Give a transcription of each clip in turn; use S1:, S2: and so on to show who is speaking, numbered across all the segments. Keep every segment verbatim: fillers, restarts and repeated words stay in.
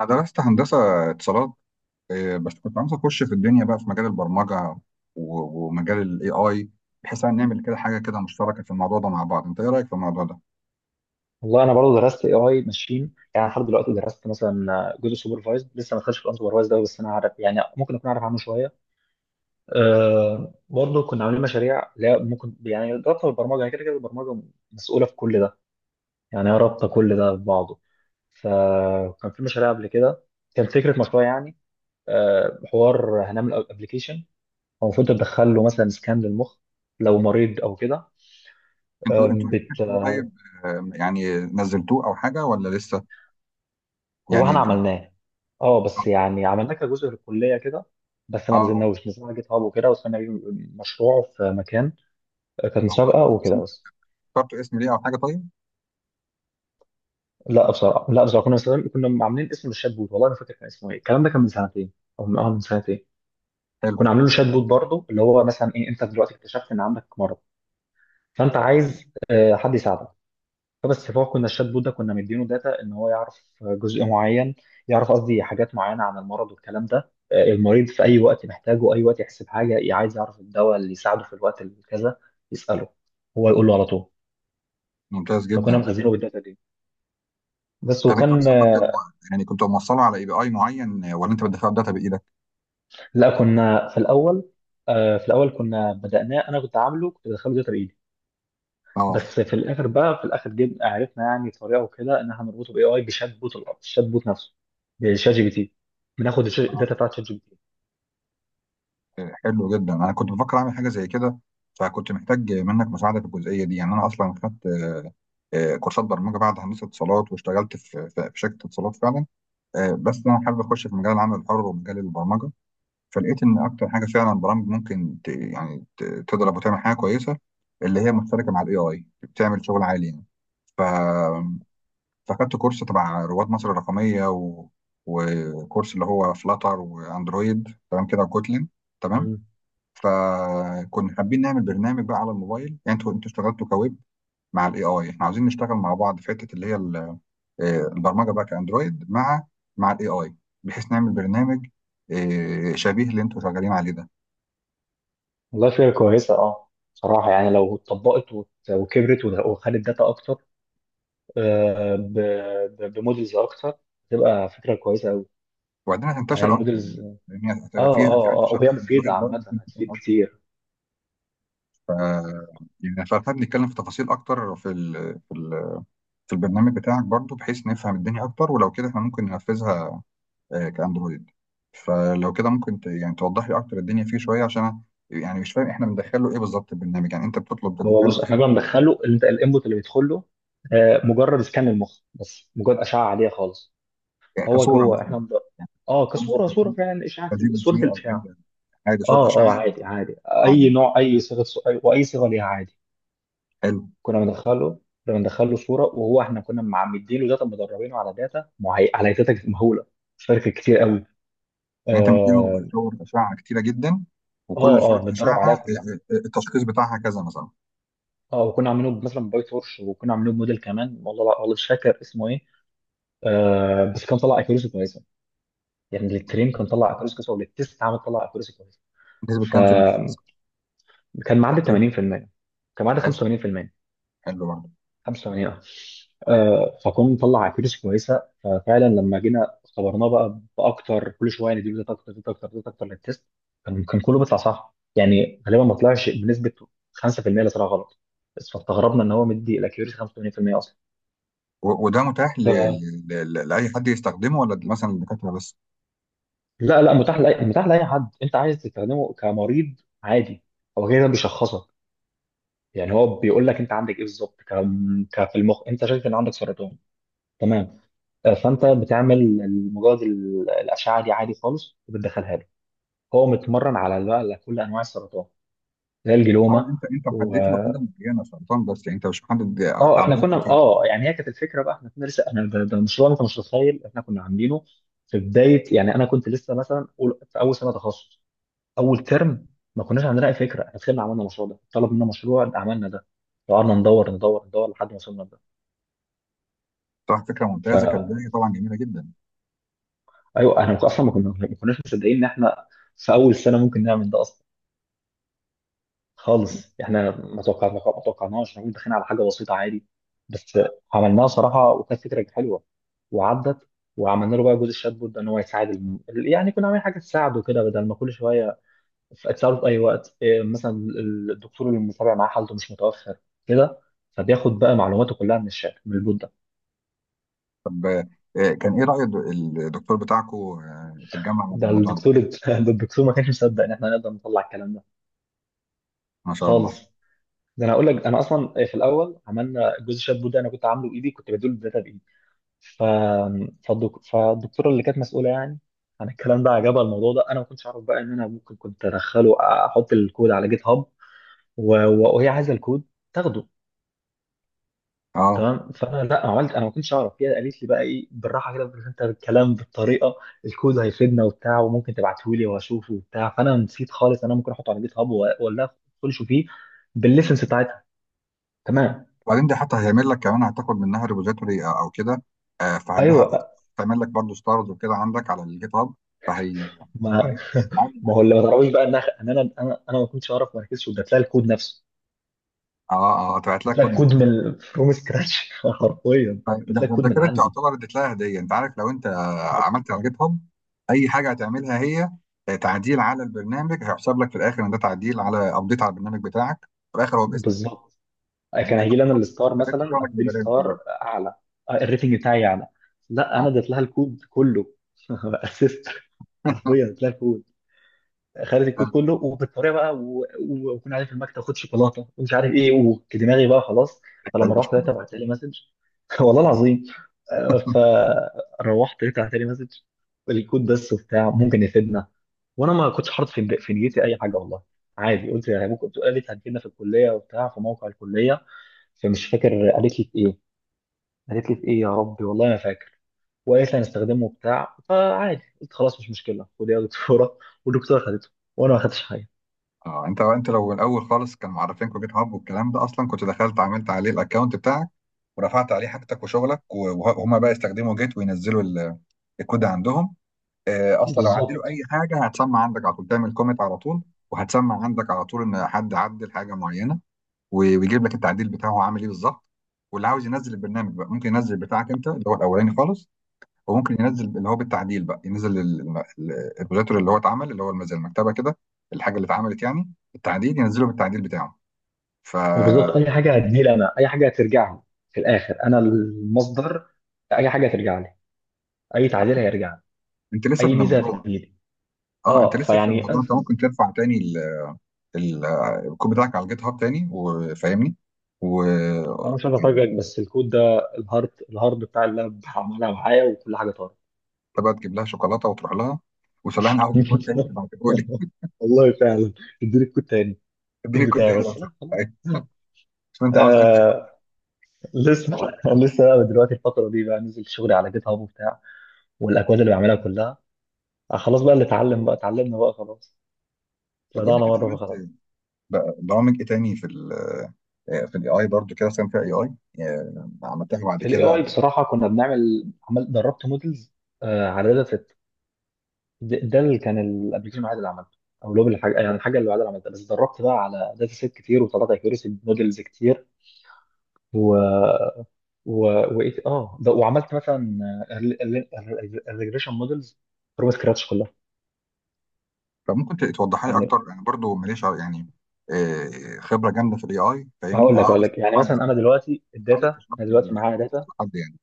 S1: أنا درست هندسة اتصالات. إيه، بس كنت عاوز أخش في الدنيا بقى في مجال البرمجة و- ومجال ال إيه آي، بحيث إن نعمل كده حاجة كده مشتركة في الموضوع ده مع بعض. أنت إيه رأيك في الموضوع ده؟
S2: والله انا برضه درست اي اي ماشين، يعني لحد دلوقتي درست مثلا جزء سوبرفايزد، لسه ما دخلتش في الانسوبرفايزد قوي، بس انا عارف، يعني ممكن اكون عارف عنه شويه. أه، برضه كنا عاملين مشاريع، لا ممكن يعني رابطه بالبرمجه، يعني كده كده البرمجه مسؤوله في كل ده، يعني هي رابطه كل ده ببعضه. فكان في مشاريع قبل كده، كان فكره مشروع يعني. أه، حوار هنعمل ابلكيشن، هو المفروض تدخل له مثلا سكان للمخ لو مريض او
S1: أنتوا أنتوا الابلكيشن ده
S2: كده.
S1: طيب، آه، يعني نزلتوه أو حاجة ولا لسه؟
S2: هو احنا
S1: يعني.
S2: عملناه، اه بس يعني عملناه كجزء للكليه كده، بس
S1: أه
S2: ما
S1: آه،
S2: نزلناش، نزلنا جيت هاب وكده وصلنا بيه، مشروع في مكان. آه، كانت
S1: هو
S2: مسابقه وكده بس.
S1: اخترتوا اسم ليه أو حاجة طيب؟
S2: لا بصراحه، لا بصراحه، كنا مسابقة- كنا عاملين اسم للشات بوت، والله ما فاكر كان اسمه ايه، الكلام ده كان من سنتين او من اه من سنتين.
S1: حلو.
S2: كنا عاملين له شات بوت برضه، اللي هو مثلا ايه، انت دلوقتي اكتشفت ان عندك مرض، فانت عايز، آه، حد يساعدك. فبس فهو كنا الشات بوت ده كنا مدينه داتا ان هو يعرف جزء معين، يعرف قصدي حاجات معينه عن المرض والكلام ده. آه، المريض في اي وقت محتاجه، اي وقت يحسب حاجه، عايز يعرف الدواء اللي يساعده في الوقت الكذا، يساله، هو يقول له على طول.
S1: ممتاز
S2: فكنا
S1: جدا.
S2: مخزينه بالداتا دي بس،
S1: طب أنت
S2: وكان
S1: أصلا كنت م-
S2: آه،
S1: يعني كنت موصله على إي بي آي معين، آه، ولا أنت بتدخله داتا بإيدك؟
S2: لا كنا في الاول، آه، في الاول كنا بدأناه، انا كنت عامله، كنت بدخله داتا بايدي،
S1: أه.
S2: بس في الاخر بقى، في الاخر جبنا عرفنا يعني طريقه وكده ان احنا نربطه باي اي، بشات بوت الأرض، الشات بوت نفسه، بشات جي بي تي. بناخد الش-
S1: آه.
S2: الداتا بتاعت شات جي بي تي.
S1: حلو جدا، انا كنت بفكر اعمل حاجه زي كده، فكنت محتاج منك مساعده في الجزئيه دي. يعني انا اصلا خدت آه، كورسات برمجه بعد هندسه اتصالات، واشتغلت في في في شركه اتصالات فعلا. آه، بس انا حابب اخش في مجال العمل الحر ومجال البرمجه. فلقيت ان اكتر حاجه فعلا برامج ممكن ت- يعني ت- تضرب وتعمل حاجه كويسه، اللي هي مشتركه مع الاي اي، بتعمل شغل عالي يعني. ف... فاخدت كورس تبع رواد مصر الرقميه، و... وكورس اللي هو فلاتر واندرويد، تمام كده، وكوتلين. تمام.
S2: مم.
S1: فكنا حابين نعمل برنامج بقى على الموبايل. يعني انتوا انتوا اشتغلتوا كويب مع الاي اي، احنا عاوزين نشتغل مع بعض في حته اللي هي ال- آه، البرمجه بقى كاندرويد مع مع الاي اي، بحيث نعمل برنامج آه، شبيه اللي انتوا شغالين عليه ده.
S2: والله فكرة كويسة، اه صراحة، يعني لو اتطبقت وت- وكبرت وده- وخدت داتا أكتر، آه، ب- ب- بمودلز أكتر، تبقى فكرة كويسة أوي.
S1: وبعدين
S2: يعني
S1: هتنتشر اكتر
S2: المودلز
S1: يعني،
S2: اه.
S1: لان هتبقى في في
S2: اه اه
S1: انتشار،
S2: وهي
S1: في
S2: مفيدة
S1: اندرويد برضه في
S2: عامة،
S1: انتشار
S2: هتفيد
S1: اكتر.
S2: كتير.
S1: ف يعني فخلينا نتكلم في تفاصيل اكتر في ال في ال في البرنامج بتاعك برضه، بحيث نفهم الدنيا اكتر، ولو كده احنا ممكن ننفذها آه، كاندرويد. فلو كده ممكن ت... يعني توضح لي اكتر الدنيا فيه شويه، عشان انا يعني مش فاهم احنا بندخل له ايه بالظبط. البرنامج يعني انت بتطلب
S2: هو
S1: تدخل له
S2: بص، احنا
S1: ايه؟
S2: بقى بندخله، اللي انت الانبوت اللي بيدخل له، آه، مجرد سكان المخ، بس مجرد أشعة عادية خالص.
S1: يعني
S2: هو
S1: كصوره
S2: جوه
S1: مثلا؟
S2: احنا بن-
S1: يعني
S2: اه
S1: بتطلب مثلا
S2: كصورة، صورة
S1: كجي
S2: فعلا إشعة،
S1: كجي بي
S2: صورة
S1: جي او
S2: الإشعة.
S1: اي حاجه، صوره
S2: اه
S1: اشعه،
S2: اه عادي، عادي.
S1: صوره
S2: أي
S1: عاديه.
S2: نوع، أي صيغة سؤال وأي صيغة ليها عادي.
S1: حلو.
S2: كنا بندخله، كنا بندخله صوره، وهو احنا كنا معمدين له داتا، مدربينه على داتا معي... على داتا مهوله، مش فاكر كتير قوي.
S1: يعني انت
S2: اه
S1: مديله صور اشعه كتيره جدا،
S2: اه،
S1: وكل صوره
S2: آه،
S1: اشعه
S2: متدرب عليها
S1: آه،
S2: كلها.
S1: آه، آه، التشخيص بتاعها كذا مثلا.
S2: اه، وكنا عاملينه مثلا باي تورش، وكنا عاملينه بموديل كمان، والله والله مش فاكر اسمه ايه. آه، بس كان طلع اكيوريسي كويسه، يعني للترين كان طلع اكيوريسي كويسه، وللتست عمل طلع اكيوريسي كويسه.
S1: نسبه كام في المية مثلاً؟
S2: فكان
S1: في
S2: معدل
S1: حدود.
S2: ثمانين في المية، كان معدل
S1: حلو.
S2: خمسة وثمانين في المية،
S1: حلو برضه.
S2: خمسة وثمانين اه. آه، فكنا نطلع اكيوريسي كويسه، ففعلا لما جينا اختبرناه بقى، باكتر كل شويه نديله داتا اكتر، داتا اكتر، داتا اكتر للتيست، كان كان كله بيطلع صح، يعني غالبا ما طلعش بنسبه خمسة في المية اللي طلع غلط. بس فاستغربنا ان هو مدي الاكيوريسي خمسة وثمانين في المية اصلا.
S1: و- وده متاح ل...
S2: ف-
S1: ل... ل... لاي حد يستخدمه، ولا مثلا للدكاتره بس؟
S2: لا لا، متاح لأي، متاح لأي حد أنت عايز تستخدمه، كمريض عادي. هو كده بيشخصك، يعني هو بيقول لك أنت عندك إيه بالظبط، ك... ك في المخ أنت شايف إن عندك سرطان. تمام. آه، فانت بتعمل مجرد ال- الاشعه دي عادي خالص، وبتدخلها له. هو متمرن على بقى على كل انواع السرطان، زي
S1: اه،
S2: الجلوما
S1: انت انت
S2: و...
S1: محدد له حاجه معينه سرطان بس، يعني انت مش محدد.
S2: اه احنا
S1: عمليات
S2: كنا،
S1: كتير.
S2: اه يعني هي كانت الفكره بقى، احنا كنا لسه، احنا ده, ده مشروع، انت مش متخيل احنا كنا عاملينه في بدايه، يعني انا كنت لسه مثلا أول- في اول سنه تخصص، اول ترم، ما كناش عندنا اي فكره، احنا دخلنا عملنا المشروع ده، طلب منا مشروع عملنا ده، قعدنا ندور ندور ندور لحد ما وصلنا لده.
S1: صح، فكره ممتازه
S2: فايوه،
S1: كبدايه طبعا، جميله جدا.
S2: احنا اصلا ما كنا- ما كناش مصدقين ان احنا في اول سنه ممكن نعمل ده اصلا خالص. احنا ما توقعنا، ما توقعناش، احنا كنا داخلين على حاجه بسيطه عادي بس، عملناها صراحه وكانت فكره حلوه وعدت. وعملنا له بقى جزء الشات بوت ده ان هو يساعد الم... يعني كنا عاملين حاجه تساعده كده، بدل ما كل شويه، ف- تساعده في اي وقت إيه، مثلا ال- الدكتور اللي متابع معاه حالته مش متوفر كده، فبياخد بقى معلوماته كلها من الشات، من البوت ده.
S1: طب آه، كان ايه راي الد- الدكتور بتاعكو آه، في الجامعه على
S2: ده
S1: الموضوع ده؟
S2: الدكتور ده الدكتور ما كانش مصدق ان احنا نقدر نطلع الكلام ده
S1: ما شاء الله.
S2: خالص. ده انا اقول لك، انا اصلا في الاول عملنا جزء الشات بوت ده، انا كنت عامله بايدي، كنت بديله الداتا بايدي. ف... فالدك... فالدكتوره اللي كانت مسؤوله يعني عن الكلام ده عجبها الموضوع ده. انا ما كنتش اعرف بقى ان انا ممكن كنت ادخله، احط الكود على جيت هاب، و... و- وهي عايزه الكود تاخده.
S1: اه،
S2: تمام، فانا لا، ما عملت، انا ما كنتش اعرف، هي قالت لي بقى ايه بالراحه كده، بس انت الكلام بالطريقه، الكود هيفيدنا وبتاع، وممكن تبعته لي واشوفه وبتاع، فانا نسيت خالص انا ممكن احطه على جيت هاب ولا ادخلش فيه بالليسنس بتاعتها. تمام،
S1: وبعدين دي حتى هيعمل لك كمان هتاخد منها ريبوزيتوري او أو كده، آه، فعندها
S2: ايوه.
S1: هتعمل لك برضه ستارز وكده عندك على الجيت هاب. فهي.
S2: ما
S1: فهي
S2: ما هو اللي ما تعرفوش بقى ان انا انا انا ما كنتش اعرف، ما ركزتش واديت لها الكود نفسه.
S1: اه اه هتبعت لك
S2: جبت لك
S1: كود.
S2: كود من فروم سكراتش حرفيا،
S1: ده,
S2: جبت
S1: ده
S2: لك كود
S1: ده
S2: من
S1: كده
S2: عندي،
S1: تعتبر اديت لها هديه، انت عارف. لو انت عملت على جيت هاب اي حاجه هتعملها هي آه، تعديل على البرنامج، هيحسب لك في الاخر ان ده تعديل على ابديت على البرنامج بتاعك، في الاخر هو باسمك.
S2: بالظبط.
S1: يعني
S2: كان
S1: انت
S2: هيجي لي انا الستار،
S1: كتبت
S2: مثلا
S1: شغلك
S2: اديله
S1: ببلاش
S2: ستار
S1: دلوقتي.
S2: اعلى، الريتنج بتاعي اعلى. لا، انا اديت لها الكود كله، اسيست، حرفيا اديت لها الكود. خدت الكود كله، وبالطريقه بقى، و- و- وكنا قاعدين في المكتب، خد شوكولاته ومش عارف ايه، ودماغي بقى خلاص. فلما
S1: غريب مش
S2: روحت،
S1: كده.
S2: لقيتها بعت لي مسج. والله العظيم. آه، فروحت لقيتها بعت لي مسج، الكود بس وبتاع ممكن يفيدنا. وانا ما كنتش حاطط في في نيتي اي حاجه والله، عادي قلت يعني ممكن تقول، قالت هتجينا في الكليه وبتاع في موقع الكليه، فمش فاكر قالت لي في ايه، قالت لي في ايه يا ربي والله ما فاكر. وقالت لي هنستخدمه وبتاع، فعادي قلت خلاص، مش مشكله، خد يا دكتوره. والدكتوره خدته، وانا ما خدتش حاجه.
S1: اه، انت انت لو الاول خالص كان معرفينكوا جيت هاب والكلام ده اصلا، كنت دخلت عملت عليه الاكونت بتاعك ورفعت عليه حاجتك وشغلك، و- وهما بقى يستخدموا جيت وينزلوا ال- الكود عندهم. آه، اصلا لو عدلوا
S2: بالظبط،
S1: اي حاجه هتسمع عندك على طول، تعمل كومنت على طول، وهتسمع عندك على طول ان حد عدل حاجه معينه، و- ويجيب لك التعديل بتاعه هو عامل ايه بالظبط. واللي عاوز ينزل البرنامج بقى ممكن ينزل بتاعك انت اللي هو الاولاني خالص، وممكن ينزل اللي هو بالتعديل بقى، ينزل ال- الم- ال- الريبوزيتوري اللي هو اتعمل، اللي هو الم- زي المكتبه كده، الحاجه اللي اتعملت يعني التعديل، ينزله بالتعديل بتاعه.
S2: وبالظبط
S1: فانت
S2: اي حاجه هتجيلي انا، اي حاجه هترجع لي، في الاخر انا المصدر، اي حاجه هترجع لي، اي تعديل هيرجع لي،
S1: لسه في
S2: اي ميزه
S1: الموضوع.
S2: هتجي لي.
S1: اه، انت
S2: اه،
S1: لسه في
S2: فيعني
S1: الموضوع،
S2: انا
S1: انت
S2: فهمت.
S1: ممكن ترفع تاني ال- ال- الكود بتاعك على الجيت هاب تاني، وفاهمني. و
S2: أنا مش عايز افاجئك، بس الكود ده، الهارد الهارد بتاع اللاب عملها معايا، وكل حاجه طارت.
S1: انت بقى تجيب لها شوكولاته وتروح لها، وتقول لها انا عاوز كود تاني تبعته لي،
S2: والله فعلا، اديني الكود تاني،
S1: اديني
S2: الكود
S1: الكود
S2: بتاعي
S1: تاني لو
S2: بس، لا خلاص.
S1: سمحت. شوف انت عاوز انهي كود.
S2: آه، لسه، لسه بقى دلوقتي الفترة دي بقى نزل شغلي على جيت هاب وبتاع، والأكواد اللي بعملها كلها. آه، خلاص بقى اللي اتعلم بقى، اتعلمنا بقى خلاص،
S1: طب قول
S2: طلعنا
S1: لي كده،
S2: مره فخلاص.
S1: عملت بقى برامج ايه تاني في ال في الاي اي برضو، كده مثلا فيها اي اي، عملتها بعد
S2: في الاي
S1: كده
S2: اي
S1: أو-
S2: بصراحه كنا بنعمل، عمل دربت مودلز على داتا سيت. ده ده اللي كان الابلكيشن الوحيد اللي عملته، او لوب الحاجه، يعني الحاجه اللي بعدها عملتها بس، دربت بقى على داتا سيت كتير، وطلعت اكيورسي مودلز كتير. و و وايه اه ده، وعملت مثلا الريجريشن مودلز فروم سكراتش كلها.
S1: فممكن ت- توضحها لي اكتر.
S2: يعني
S1: انا برضو ماليش ع- يعني آه، خبره جامده في الاي اي، فاهمني
S2: هقول
S1: انا
S2: لك
S1: اه
S2: هقول
S1: بس
S2: لك يعني
S1: طبعا. بس
S2: مثلا، انا دلوقتي الداتا،
S1: عاوزك تشرح
S2: انا
S1: لي
S2: دلوقتي
S1: ال-
S2: معايا داتا،
S1: حد يعني.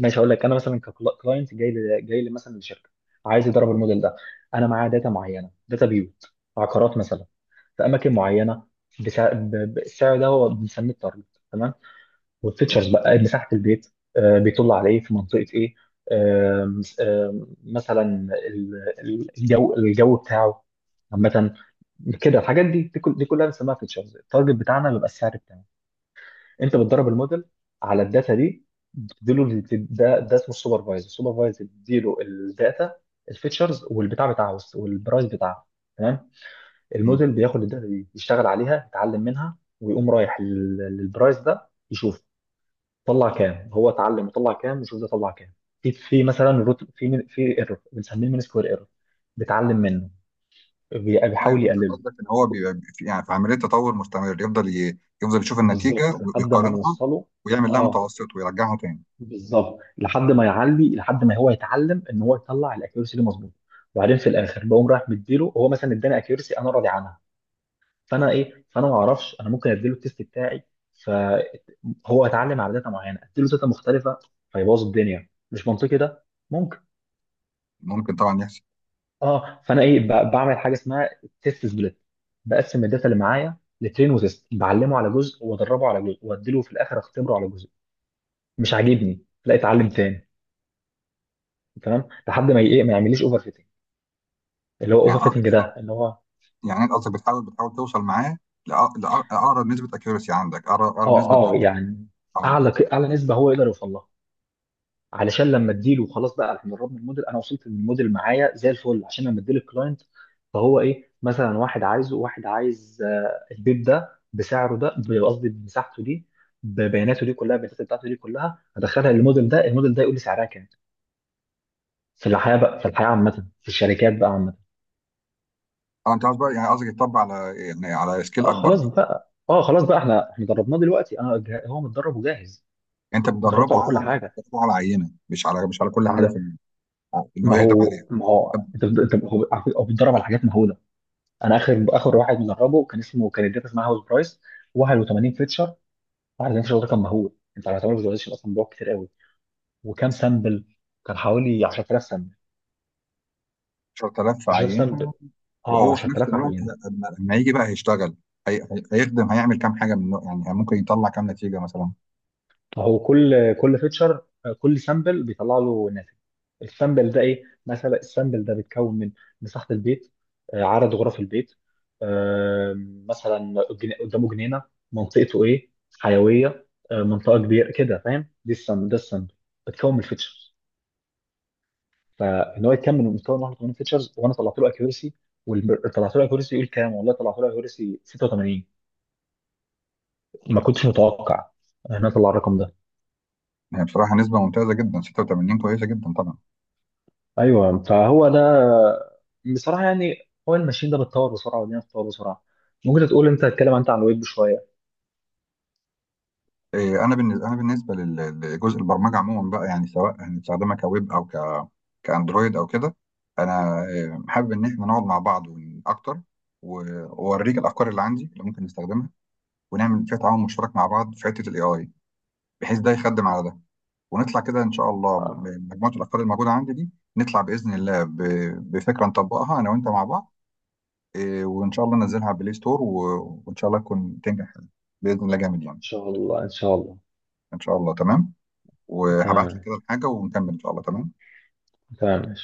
S2: ماشي هقول لك، انا مثلا ككلاينت جاي لي جاي لي مثلا لشركه، عايز يدرب الموديل ده. انا معايا داتا معينه، داتا بيوت عقارات مثلا، في اماكن معينه، بسع... ب... ب- السعر ده هو بنسميه التارجت، تمام. والفيتشرز بقى، مساحه البيت، آه بيطل على ايه، في منطقه ايه، آه آه مثلا ال- ال- الجو الجو بتاعه عامه كده. الحاجات دي دي, كل... دي كلها بنسميها فيتشرز، التارجت بتاعنا بيبقى السعر بتاعه. انت بتدرب الموديل على الداتا دي، بتديله ال- ده ده اسمه السوبرفايزر، السوبرفايزر بيديله الداتا، الفيتشرز والبتاع بتاعه والبرايس بتاعه، تمام.
S1: امم.
S2: الموديل بياخد الداتا دي، يشتغل عليها، يتعلم منها، ويقوم رايح لل- للبرايس ده يشوف، طلع كام هو اتعلم وطلع كام، وشوف ده طلع كام. في في مثلا روت، في في ايرور بنسميه مين سكوير ايرور، بيتعلم منه، بي-
S1: اه
S2: بيحاول
S1: يعني انت
S2: يقلله.
S1: قصدك ان هو بيبقى في يعني في عمليه تطور مستمر، يفضل ي... يفضل يشوف النتيجه
S2: بالظبط لحد ما
S1: ويقارنها
S2: نوصله.
S1: ويعمل لها
S2: اه،
S1: متوسط ويرجعها تاني.
S2: بالظبط لحد ما يعلي، لحد ما هو يتعلم ان هو يطلع الاكيورسي دي مظبوط. وبعدين في الاخر بقوم رايح مديله، هو مثلا اداني اكيورسي انا راضي عنها، فانا ايه، فانا ما اعرفش انا، ممكن اديله التيست بتاعي، فهو اتعلم على داتا معينه، اديله داتا مختلفه، فيبوظ الدنيا، مش منطقي ده، ممكن.
S1: ممكن طبعا يحصل.
S2: اه، فانا ايه، ب- بعمل حاجه اسمها تيست سبليت، بقسم الداتا اللي معايا لترين وتيست، بعلمه على جزء وادربه على جزء، واديله في الاخر اختبره على جزء، مش عاجبني لا، اتعلم تاني، تمام، لحد ما ايه، ما يعمليش اوفر، اللي هو
S1: يعني اه
S2: اوفر فيتنج
S1: انت،
S2: ده، اللي هو
S1: يعني انت قصدك بتحاول بتحاول توصل معاه لأق- لأق- لاقرب نسبه اكيورسي عندك، اقرب أقرب
S2: اه
S1: نسبه
S2: اه
S1: دقه.
S2: يعني،
S1: اه.
S2: اعلى اعلى نسبه هو يقدر يوصل لها، علشان لما اديله خلاص بقى، احنا قربنا الموديل، انا وصلت للموديل معايا زي الفل، عشان لما اديله الكلاينت، فهو ايه، مثلا واحد عايزه واحد عايز، آه، البيب ده بسعره ده، ب- قصدي بمساحته دي، ببياناته دي كلها، البيانات بتاعته دي كلها، هدخلها للموديل ده، الموديل ده يقول لي سعرها كام. في الحياه بقى، في الحياه عامه، في الشركات بقى عامه.
S1: اه، انت قصدك بقى يعني قصدك يتطبق على يعني على سكيل
S2: اه
S1: اكبر
S2: خلاص
S1: بقى.
S2: بقى اه خلاص بقى احنا احنا دربناه دلوقتي، انا جه- هو متدرب وجاهز.
S1: انت
S2: دربته
S1: بتدربه
S2: على
S1: على
S2: كل حاجه.
S1: بتدربه على عينه، مش على مش على كل حاجه في ال- آه، ان هو
S2: ما
S1: يخدم عليها.
S2: هو ما هو انت بت- انت، هو على فكرة هو بيتدرب على حاجات مهوله. انا اخر اخر واحد مدربه كان اسمه، كان الداتا اسمها هاوس برايس، واحد وثمانين فيتشر، واحد وثمانين فيتشر ده كان مهول، انت على تعمل فيزواليزيشن اصلا بيقعد كتير قوي. وكام سامبل؟ كان حوالي عشرة آلاف سامبل،
S1: عشرة آلاف في
S2: عشرة آلاف
S1: عينه.
S2: سامبل، اه
S1: وهو في نفس
S2: عشرة آلاف
S1: الوقت
S2: يعني.
S1: لما لما يجي بقى هيشتغل، هي... هي- هيخدم هيعمل كام حاجه من النوع، يعني ممكن يطلع كام نتيجه مثلا.
S2: هو كل كل فيتشر، كل سامبل بيطلع له ناتج، السامبل ده ايه، مثلا السامبل ده بيتكون من مساحه البيت، آه، عدد غرف البيت، آه، مثلا جن- قدامه جنينه، منطقته ايه، حيويه، آه، منطقه كبيره كده، فاهم؟ دي السامبل ده، السامبل بتكون من الفيتشرز، فان هو يكمل من مستوى واحد وثمانين فيتشرز، وانا طلعت له اكيورسي، طلعت له اكيورسي يقول كام، والله طلعت له اكيورسي ستة وثمانين. ما كنتش متوقع ان انا اطلع الرقم ده.
S1: يعني بصراحه نسبه ممتازه جدا ستة وثمانين، كويسه جدا طبعا.
S2: ايوه، فهو ده بصراحه. يعني هو الماشين ده بيتطور بسرعه، والدنيا بتتطور بسرعه. ممكن تقول، انت تتكلم انت عن الويب شويه.
S1: إيه، انا بالنسبه انا بالنسبه لل- لجزء البرمجه عموما بقى، يعني سواء هنستخدمها كويب او ك كاندرويد او كده، انا إيه، حابب ان احنا نقعد مع بعض ون- اكتر، و- واوريك الافكار اللي عندي اللي ممكن نستخدمها، ونعمل فيها تعاون مشترك مع بعض في حته الاي اي، بحيث ده يخدم على ده، ونطلع كده ان شاء الله
S2: آه،
S1: بمجموعه الافكار الموجوده عندي دي، نطلع باذن الله ب- بفكره نطبقها انا وانت مع بعض. إيه، وان شاء الله ننزلها على بلاي ستور، و- وان شاء الله تكون تنجح باذن الله، جامد
S2: ان
S1: يعني.
S2: شاء الله ان شاء الله
S1: ان شاء الله. تمام. وهبعت لك
S2: تمام،
S1: كده الحاجه ونكمل ان شاء الله. تمام.
S2: تمام.